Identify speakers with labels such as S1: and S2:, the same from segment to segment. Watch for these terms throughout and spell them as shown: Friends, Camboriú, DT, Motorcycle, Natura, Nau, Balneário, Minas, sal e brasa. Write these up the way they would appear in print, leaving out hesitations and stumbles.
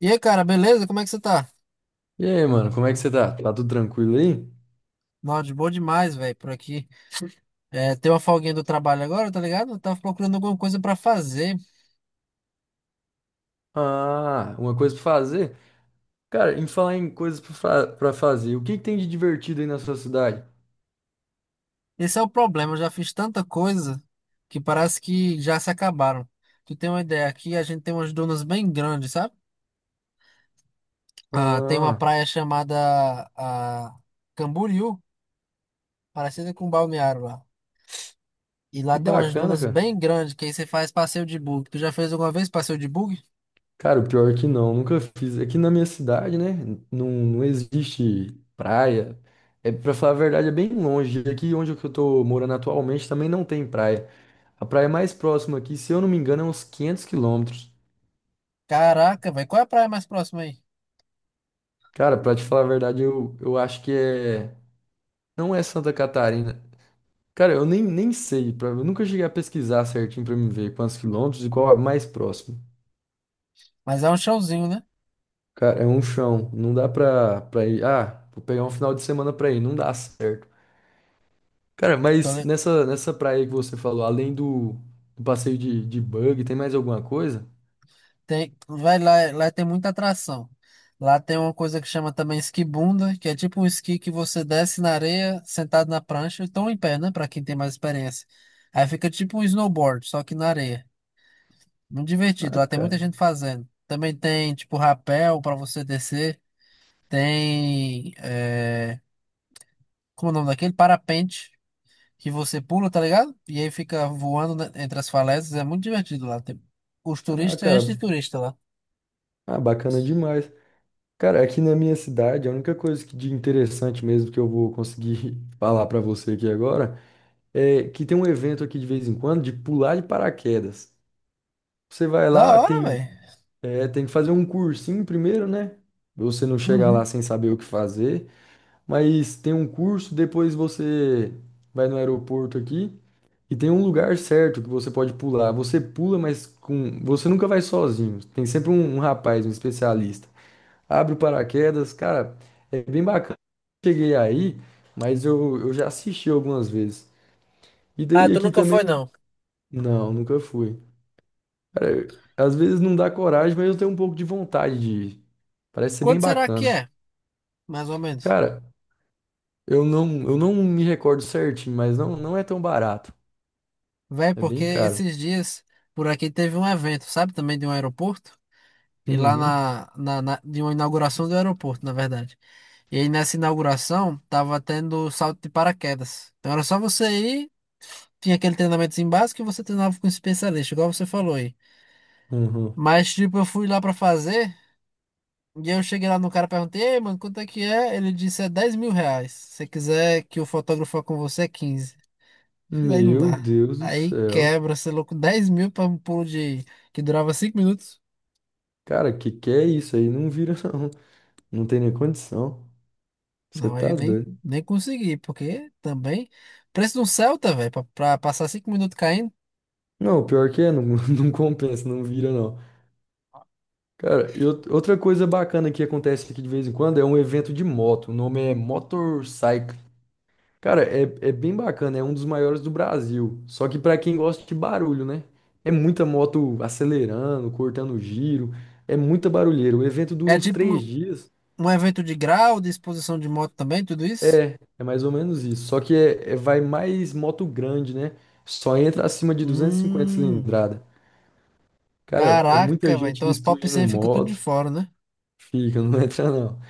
S1: E aí, cara, beleza? Como é que você tá?
S2: E aí, mano, como é que você tá? Tá tudo tranquilo aí?
S1: Nossa, de boa demais, velho, por aqui. É, tem uma folguinha do trabalho agora, tá ligado? Eu tava procurando alguma coisa pra fazer.
S2: Ah, uma coisa pra fazer? Cara, em falar em coisas pra fazer, o que que tem de divertido aí na sua cidade?
S1: Esse é o problema, eu já fiz tanta coisa que parece que já se acabaram. Tu tem uma ideia, aqui a gente tem umas dunas bem grandes, sabe? Ah, tem uma
S2: Ah,
S1: praia chamada ah, Camboriú, parecida com Balneário lá. E
S2: que
S1: lá tem umas
S2: bacana,
S1: dunas
S2: cara.
S1: bem grandes, que aí você faz passeio de bug. Tu já fez alguma vez passeio de bug?
S2: Cara, o pior é que não, nunca fiz. Aqui na minha cidade, né? Não, não existe praia. É, pra falar a verdade, é bem longe. Aqui onde eu que eu tô morando atualmente também não tem praia. A praia mais próxima aqui, se eu não me engano, é uns 500 quilômetros.
S1: Caraca, velho, qual é a praia mais próxima aí?
S2: Cara, pra te falar a verdade, eu acho que é. Não é Santa Catarina. Cara, eu nem sei, pra, eu nunca cheguei a pesquisar certinho pra me ver quantos quilômetros e qual é o mais próximo.
S1: Mas é um chãozinho, né?
S2: Cara, é um chão, não dá pra ir. Ah, vou pegar um final de semana pra ir, não dá certo. Cara,
S1: Tô.
S2: mas nessa praia aí que você falou, além do, do passeio de bug, tem mais alguma coisa?
S1: Tem, vai lá, lá tem muita atração. Lá tem uma coisa que chama também esquibunda, que é tipo um esqui que você desce na areia, sentado na prancha, então em pé, né? Pra quem tem mais experiência. Aí fica tipo um snowboard, só que na areia. Muito divertido,
S2: Ah,
S1: lá tem muita
S2: cara,
S1: gente fazendo. Também tem tipo rapel pra você descer. Tem. É, como é o nome daquele? Parapente, que você pula, tá ligado? E aí fica voando né, entre as falésias. É muito divertido lá. Tem, os
S2: ah,
S1: turistas enchem
S2: cara,
S1: de turista lá.
S2: ah, bacana demais. Cara, aqui na minha cidade, a única coisa que de interessante mesmo que eu vou conseguir falar pra você aqui agora é que tem um evento aqui de vez em quando de pular de paraquedas. Você vai
S1: Da
S2: lá,
S1: hora,
S2: tem,
S1: velho.
S2: é, tem que fazer um cursinho primeiro, né? Você não chega lá
S1: Uhum.
S2: sem saber o que fazer, mas tem um curso, depois você vai no aeroporto aqui e tem um lugar certo que você pode pular. Você pula, mas com, você nunca vai sozinho. Tem sempre um rapaz, um especialista. Abre o paraquedas, cara, é bem bacana. Cheguei aí, mas eu já assisti algumas vezes. E
S1: Ah,
S2: daí
S1: tu
S2: aqui
S1: nunca foi,
S2: também,
S1: não.
S2: não, nunca fui. Cara, às vezes não dá coragem, mas eu tenho um pouco de vontade de ir. Parece ser bem
S1: Quanto será que
S2: bacana.
S1: é, mais ou menos?
S2: Cara, eu não me recordo certinho, mas não é tão barato.
S1: Véi,
S2: É
S1: porque
S2: bem caro.
S1: esses dias por aqui teve um evento, sabe? Também de um aeroporto. E lá
S2: Uhum,
S1: de uma inauguração do aeroporto, na verdade. E aí nessa inauguração tava tendo salto de paraquedas. Então era só você ir, tinha aquele treinamento básico e você treinava com um especialista, igual você falou aí.
S2: uhum.
S1: Mas, tipo, eu fui lá pra fazer. E eu cheguei lá no cara, perguntei, ei, mano, quanto é que é? Ele disse, é R$ 10.000. Se você quiser que o fotógrafo vá com você, é 15. Mas aí não
S2: Meu
S1: dá.
S2: Deus do
S1: Aí
S2: céu.
S1: quebra, você é louco, 10.000 para um pulo de que durava 5 minutos.
S2: Cara, que é isso aí? Não vira, não. Não tem nem condição. Você
S1: Não, aí
S2: tá
S1: nem,
S2: doido.
S1: nem consegui, porque também. Preço de um Celta, velho, pra passar 5 minutos caindo.
S2: Não, pior que é, não, não compensa, não vira, não. Cara, e outra coisa bacana que acontece aqui de vez em quando é um evento de moto. O nome é Motorcycle. Cara, é bem bacana, é um dos maiores do Brasil. Só que pra quem gosta de barulho, né? É muita moto acelerando, cortando giro, é muita barulheira. O evento dura
S1: É
S2: uns
S1: tipo um,
S2: 3 dias.
S1: um evento de grau, de exposição de moto também, tudo isso.
S2: É, é mais ou menos isso. Só que vai mais moto grande, né? Só entra acima de 250
S1: Hum,
S2: cilindrada. Cara, é muita
S1: caraca, velho.
S2: gente
S1: Então as pop
S2: destruindo
S1: 100 fica tudo de
S2: moto.
S1: fora, né?
S2: Fica, não entra não.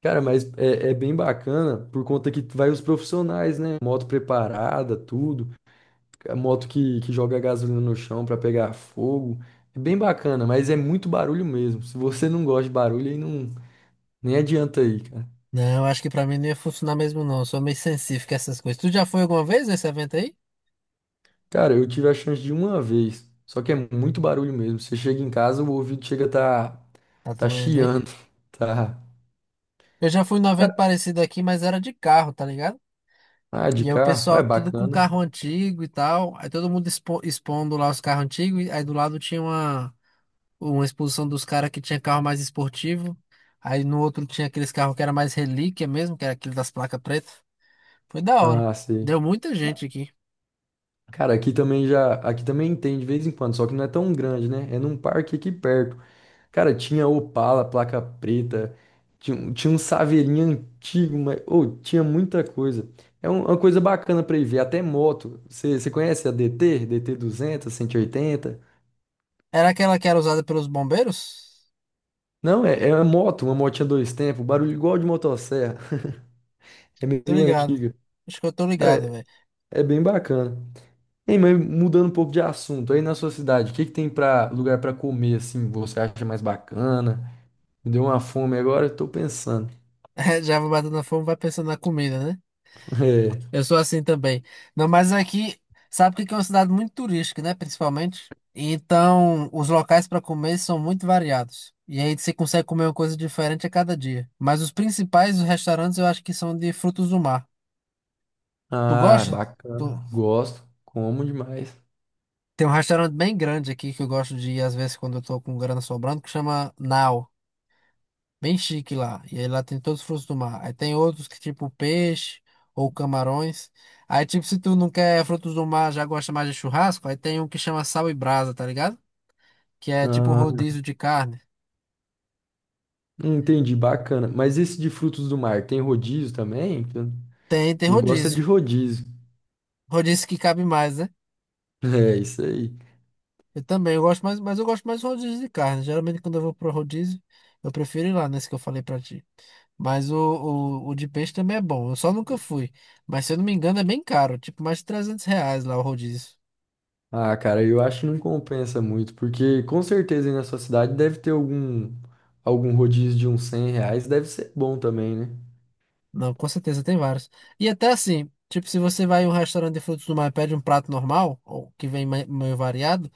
S2: Cara, mas é bem bacana por conta que vai os profissionais, né? Moto preparada, tudo. A moto que joga gasolina no chão pra pegar fogo. É bem bacana, mas é muito barulho mesmo. Se você não gosta de barulho, aí não, nem adianta aí, cara.
S1: Não, acho que pra mim não ia funcionar mesmo, não. Eu sou meio sensível com essas coisas. Tu já foi alguma vez nesse evento aí?
S2: Cara, eu tive a chance de uma vez, só que é muito barulho mesmo. Você chega em casa, o ouvido chega a tá,
S1: Tá
S2: tá
S1: doendo, hein?
S2: chiando, tá.
S1: Eu já fui num evento parecido aqui, mas era de carro, tá ligado?
S2: Ah, de
S1: E aí o
S2: carro, ah,
S1: pessoal
S2: é
S1: tudo com
S2: bacana.
S1: carro antigo e tal. Aí todo mundo expondo lá os carros antigos. E aí do lado tinha uma exposição dos caras que tinha carro mais esportivo. Aí no outro tinha aqueles carros que era mais relíquia mesmo, que era aquele das placas pretas. Foi da hora.
S2: Ah, sei.
S1: Deu muita gente aqui.
S2: Cara, aqui também tem de vez em quando, só que não é tão grande, né? É num parque aqui perto. Cara, tinha Opala, placa preta, tinha, tinha um saveirinho antigo, mas ô, tinha muita coisa. É uma coisa bacana pra ir ver, até moto. Você conhece a DT? DT 200, 180?
S1: Era aquela que era usada pelos bombeiros?
S2: Não, é uma moto, uma motinha dois tempos, barulho igual de motosserra. É
S1: Tô
S2: meio
S1: ligado.
S2: antiga.
S1: Acho que eu tô
S2: Cara,
S1: ligado, velho.
S2: é bem bacana. Ei, mas mudando um pouco de assunto, aí na sua cidade, o que que tem para lugar para comer assim, você acha mais bacana? Me deu uma fome agora, eu tô pensando.
S1: Já vai batendo a fome, vai pensando na comida, né?
S2: É.
S1: Eu sou assim também. Não, mas aqui, sabe que aqui é uma cidade muito turística, né? Principalmente. Então, os locais para comer são muito variados. E aí você consegue comer uma coisa diferente a cada dia. Mas os principais, os restaurantes, eu acho que são de frutos do mar. Tu
S2: Ah,
S1: gosta? Tu.
S2: bacana. Gosto, como demais.
S1: Tem um restaurante bem grande aqui que eu gosto de ir às vezes quando eu tô com grana sobrando, que chama Nau. Bem chique lá. E aí lá tem todos os frutos do mar. Aí tem outros que tipo peixe ou camarões. Aí tipo, se tu não quer frutos do mar, já gosta mais de churrasco, aí tem um que chama sal e brasa, tá ligado? Que é tipo
S2: Ah,
S1: rodízio de carne.
S2: entendi, bacana. Mas esse de frutos do mar tem rodízio também?
S1: Tem, tem
S2: Eu gosto é de
S1: rodízio.
S2: rodízio.
S1: Rodízio que cabe mais, né?
S2: É isso aí.
S1: Eu também, eu gosto mais, mas eu gosto mais de rodízio de carne. Geralmente quando eu vou pro rodízio, eu prefiro ir lá nesse que eu falei pra ti. Mas o de peixe também é bom. Eu só nunca fui. Mas se eu não me engano, é bem caro. Tipo, mais de R$ 300 lá o rodízio.
S2: Ah, cara, eu acho que não compensa muito, porque com certeza aí na sua cidade deve ter algum rodízio de uns 100 reais, deve ser bom também, né?
S1: Não, com certeza tem vários. E até assim, tipo, se você vai em um restaurante de frutos do mar e pede um prato normal, ou que vem meio variado,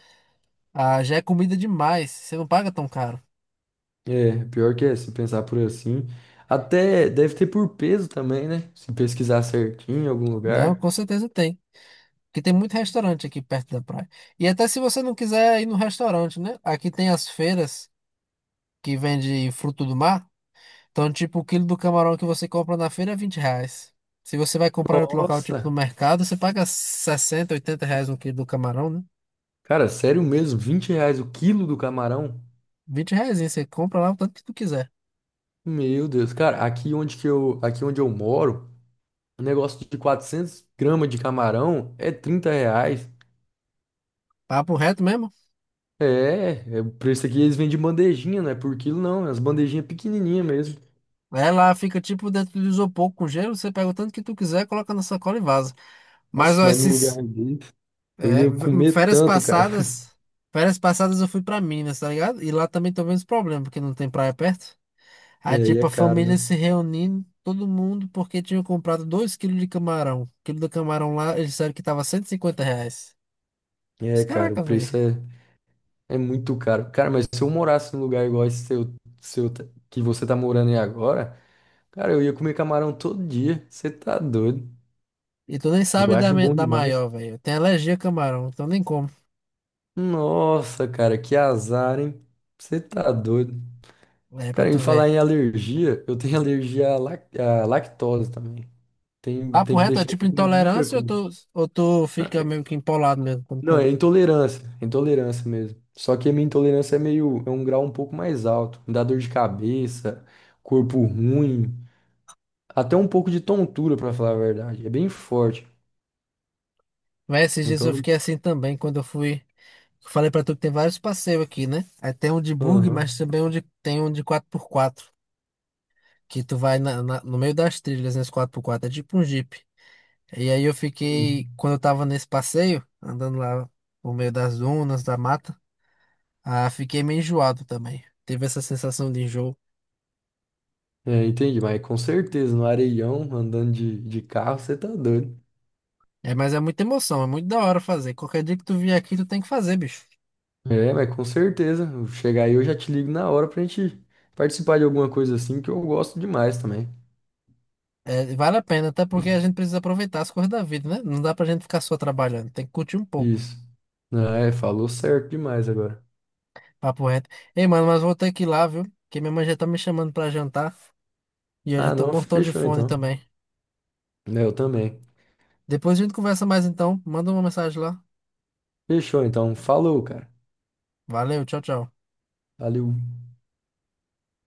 S1: ah, já é comida demais. Você não paga tão caro.
S2: É, pior que é, se pensar por assim. Até deve ter por peso também, né? Se pesquisar certinho em algum
S1: Não,
S2: lugar.
S1: com certeza tem. Porque tem muito restaurante aqui perto da praia. E até se você não quiser ir no restaurante, né? Aqui tem as feiras que vende fruto do mar. Então, tipo, o quilo do camarão que você compra na feira é R$ 20. Se você vai comprar em outro local, tipo no
S2: Nossa!
S1: mercado, você paga 60, R$ 80 um quilo do camarão, né?
S2: Cara, sério mesmo, 20 reais o quilo do camarão?
S1: R$ 20, você compra lá o tanto que tu quiser.
S2: Meu Deus, cara, aqui onde eu moro, um negócio de 400 gramas de camarão é 30 reais.
S1: Papo reto mesmo?
S2: É, é o preço aqui eles vendem bandejinha, não é por quilo não, é as bandejinhas pequenininhas mesmo.
S1: Ela fica tipo dentro do isopor com gelo, você pega o tanto que tu quiser, coloca na sacola e vaza. Mas
S2: Nossa,
S1: ó,
S2: mas no
S1: esses
S2: lugar dele eu
S1: é,
S2: ia
S1: v-
S2: comer tanto, cara.
S1: férias passadas eu fui pra Minas, tá ligado? E lá também tô vendo esse problema, porque não tem praia perto.
S2: É,
S1: Aí
S2: e
S1: tipo
S2: é
S1: a
S2: caro, né?
S1: família se reunindo, todo mundo, porque tinham comprado 2 quilos de camarão. O quilo do camarão lá, eles disseram que tava R$ 150.
S2: É,
S1: Mas,
S2: cara, o
S1: caraca,
S2: preço
S1: velho.
S2: é é muito caro. Cara, mas se eu morasse num lugar igual esse seu, que você tá morando aí agora, cara, eu ia comer camarão todo dia. Você tá doido?
S1: E tu nem
S2: Eu
S1: sabe da,
S2: acho
S1: me-
S2: bom
S1: da
S2: demais.
S1: maior, velho. Eu tenho alergia a camarão, então nem como.
S2: Nossa, cara, que azar, hein? Você tá doido.
S1: É, pra
S2: Cara, em
S1: tu
S2: falar
S1: ver.
S2: em alergia, eu tenho alergia à lactose também. Tem,
S1: Papo
S2: tem que
S1: reto, é
S2: deixar
S1: tipo
S2: de comer muita
S1: intolerância
S2: coisa.
S1: ou tu fica meio que empolado mesmo quando
S2: Não,
S1: come?
S2: é intolerância mesmo. Só que a minha intolerância é meio, é um grau um pouco mais alto. Me dá dor de cabeça, corpo ruim. Até um pouco de tontura, pra falar a verdade. É bem forte.
S1: Mas esses dias
S2: Então,
S1: eu
S2: não-
S1: fiquei assim também, quando eu fui. Eu falei pra tu que tem vários passeios aqui, né? Aí tem um de bug, mas
S2: aham.
S1: também tem um de 4x4 que tu vai no meio das trilhas nesse 4x4. É tipo um Jeep. E aí eu fiquei,
S2: Hum.
S1: quando eu tava nesse passeio, andando lá no meio das dunas, da mata, ah, fiquei meio enjoado também. Teve essa sensação de enjoo.
S2: É, entendi, mas com certeza, no areião, andando de carro, você tá doido.
S1: É, mas é muita emoção, é muito da hora fazer. Qualquer dia que tu vier aqui, tu tem que fazer, bicho.
S2: É, mas com certeza. Eu chegar aí, eu já te ligo na hora pra gente participar de alguma coisa assim, que eu gosto demais também.
S1: É, vale a pena, até porque a gente precisa aproveitar as coisas da vida, né? Não dá pra gente ficar só trabalhando, tem que curtir um pouco.
S2: Isso. Ah, é, falou certo demais agora.
S1: Papo reto. Ei, mano, mas vou ter que ir lá, viu? Porque minha mãe já tá me chamando pra jantar e eu já
S2: Ah,
S1: tô
S2: não,
S1: mortão de
S2: fechou
S1: fome
S2: então.
S1: também.
S2: É, eu também.
S1: Depois a gente conversa mais então. Manda uma mensagem lá.
S2: Fechou então. Falou, cara.
S1: Valeu, tchau, tchau.
S2: Valeu.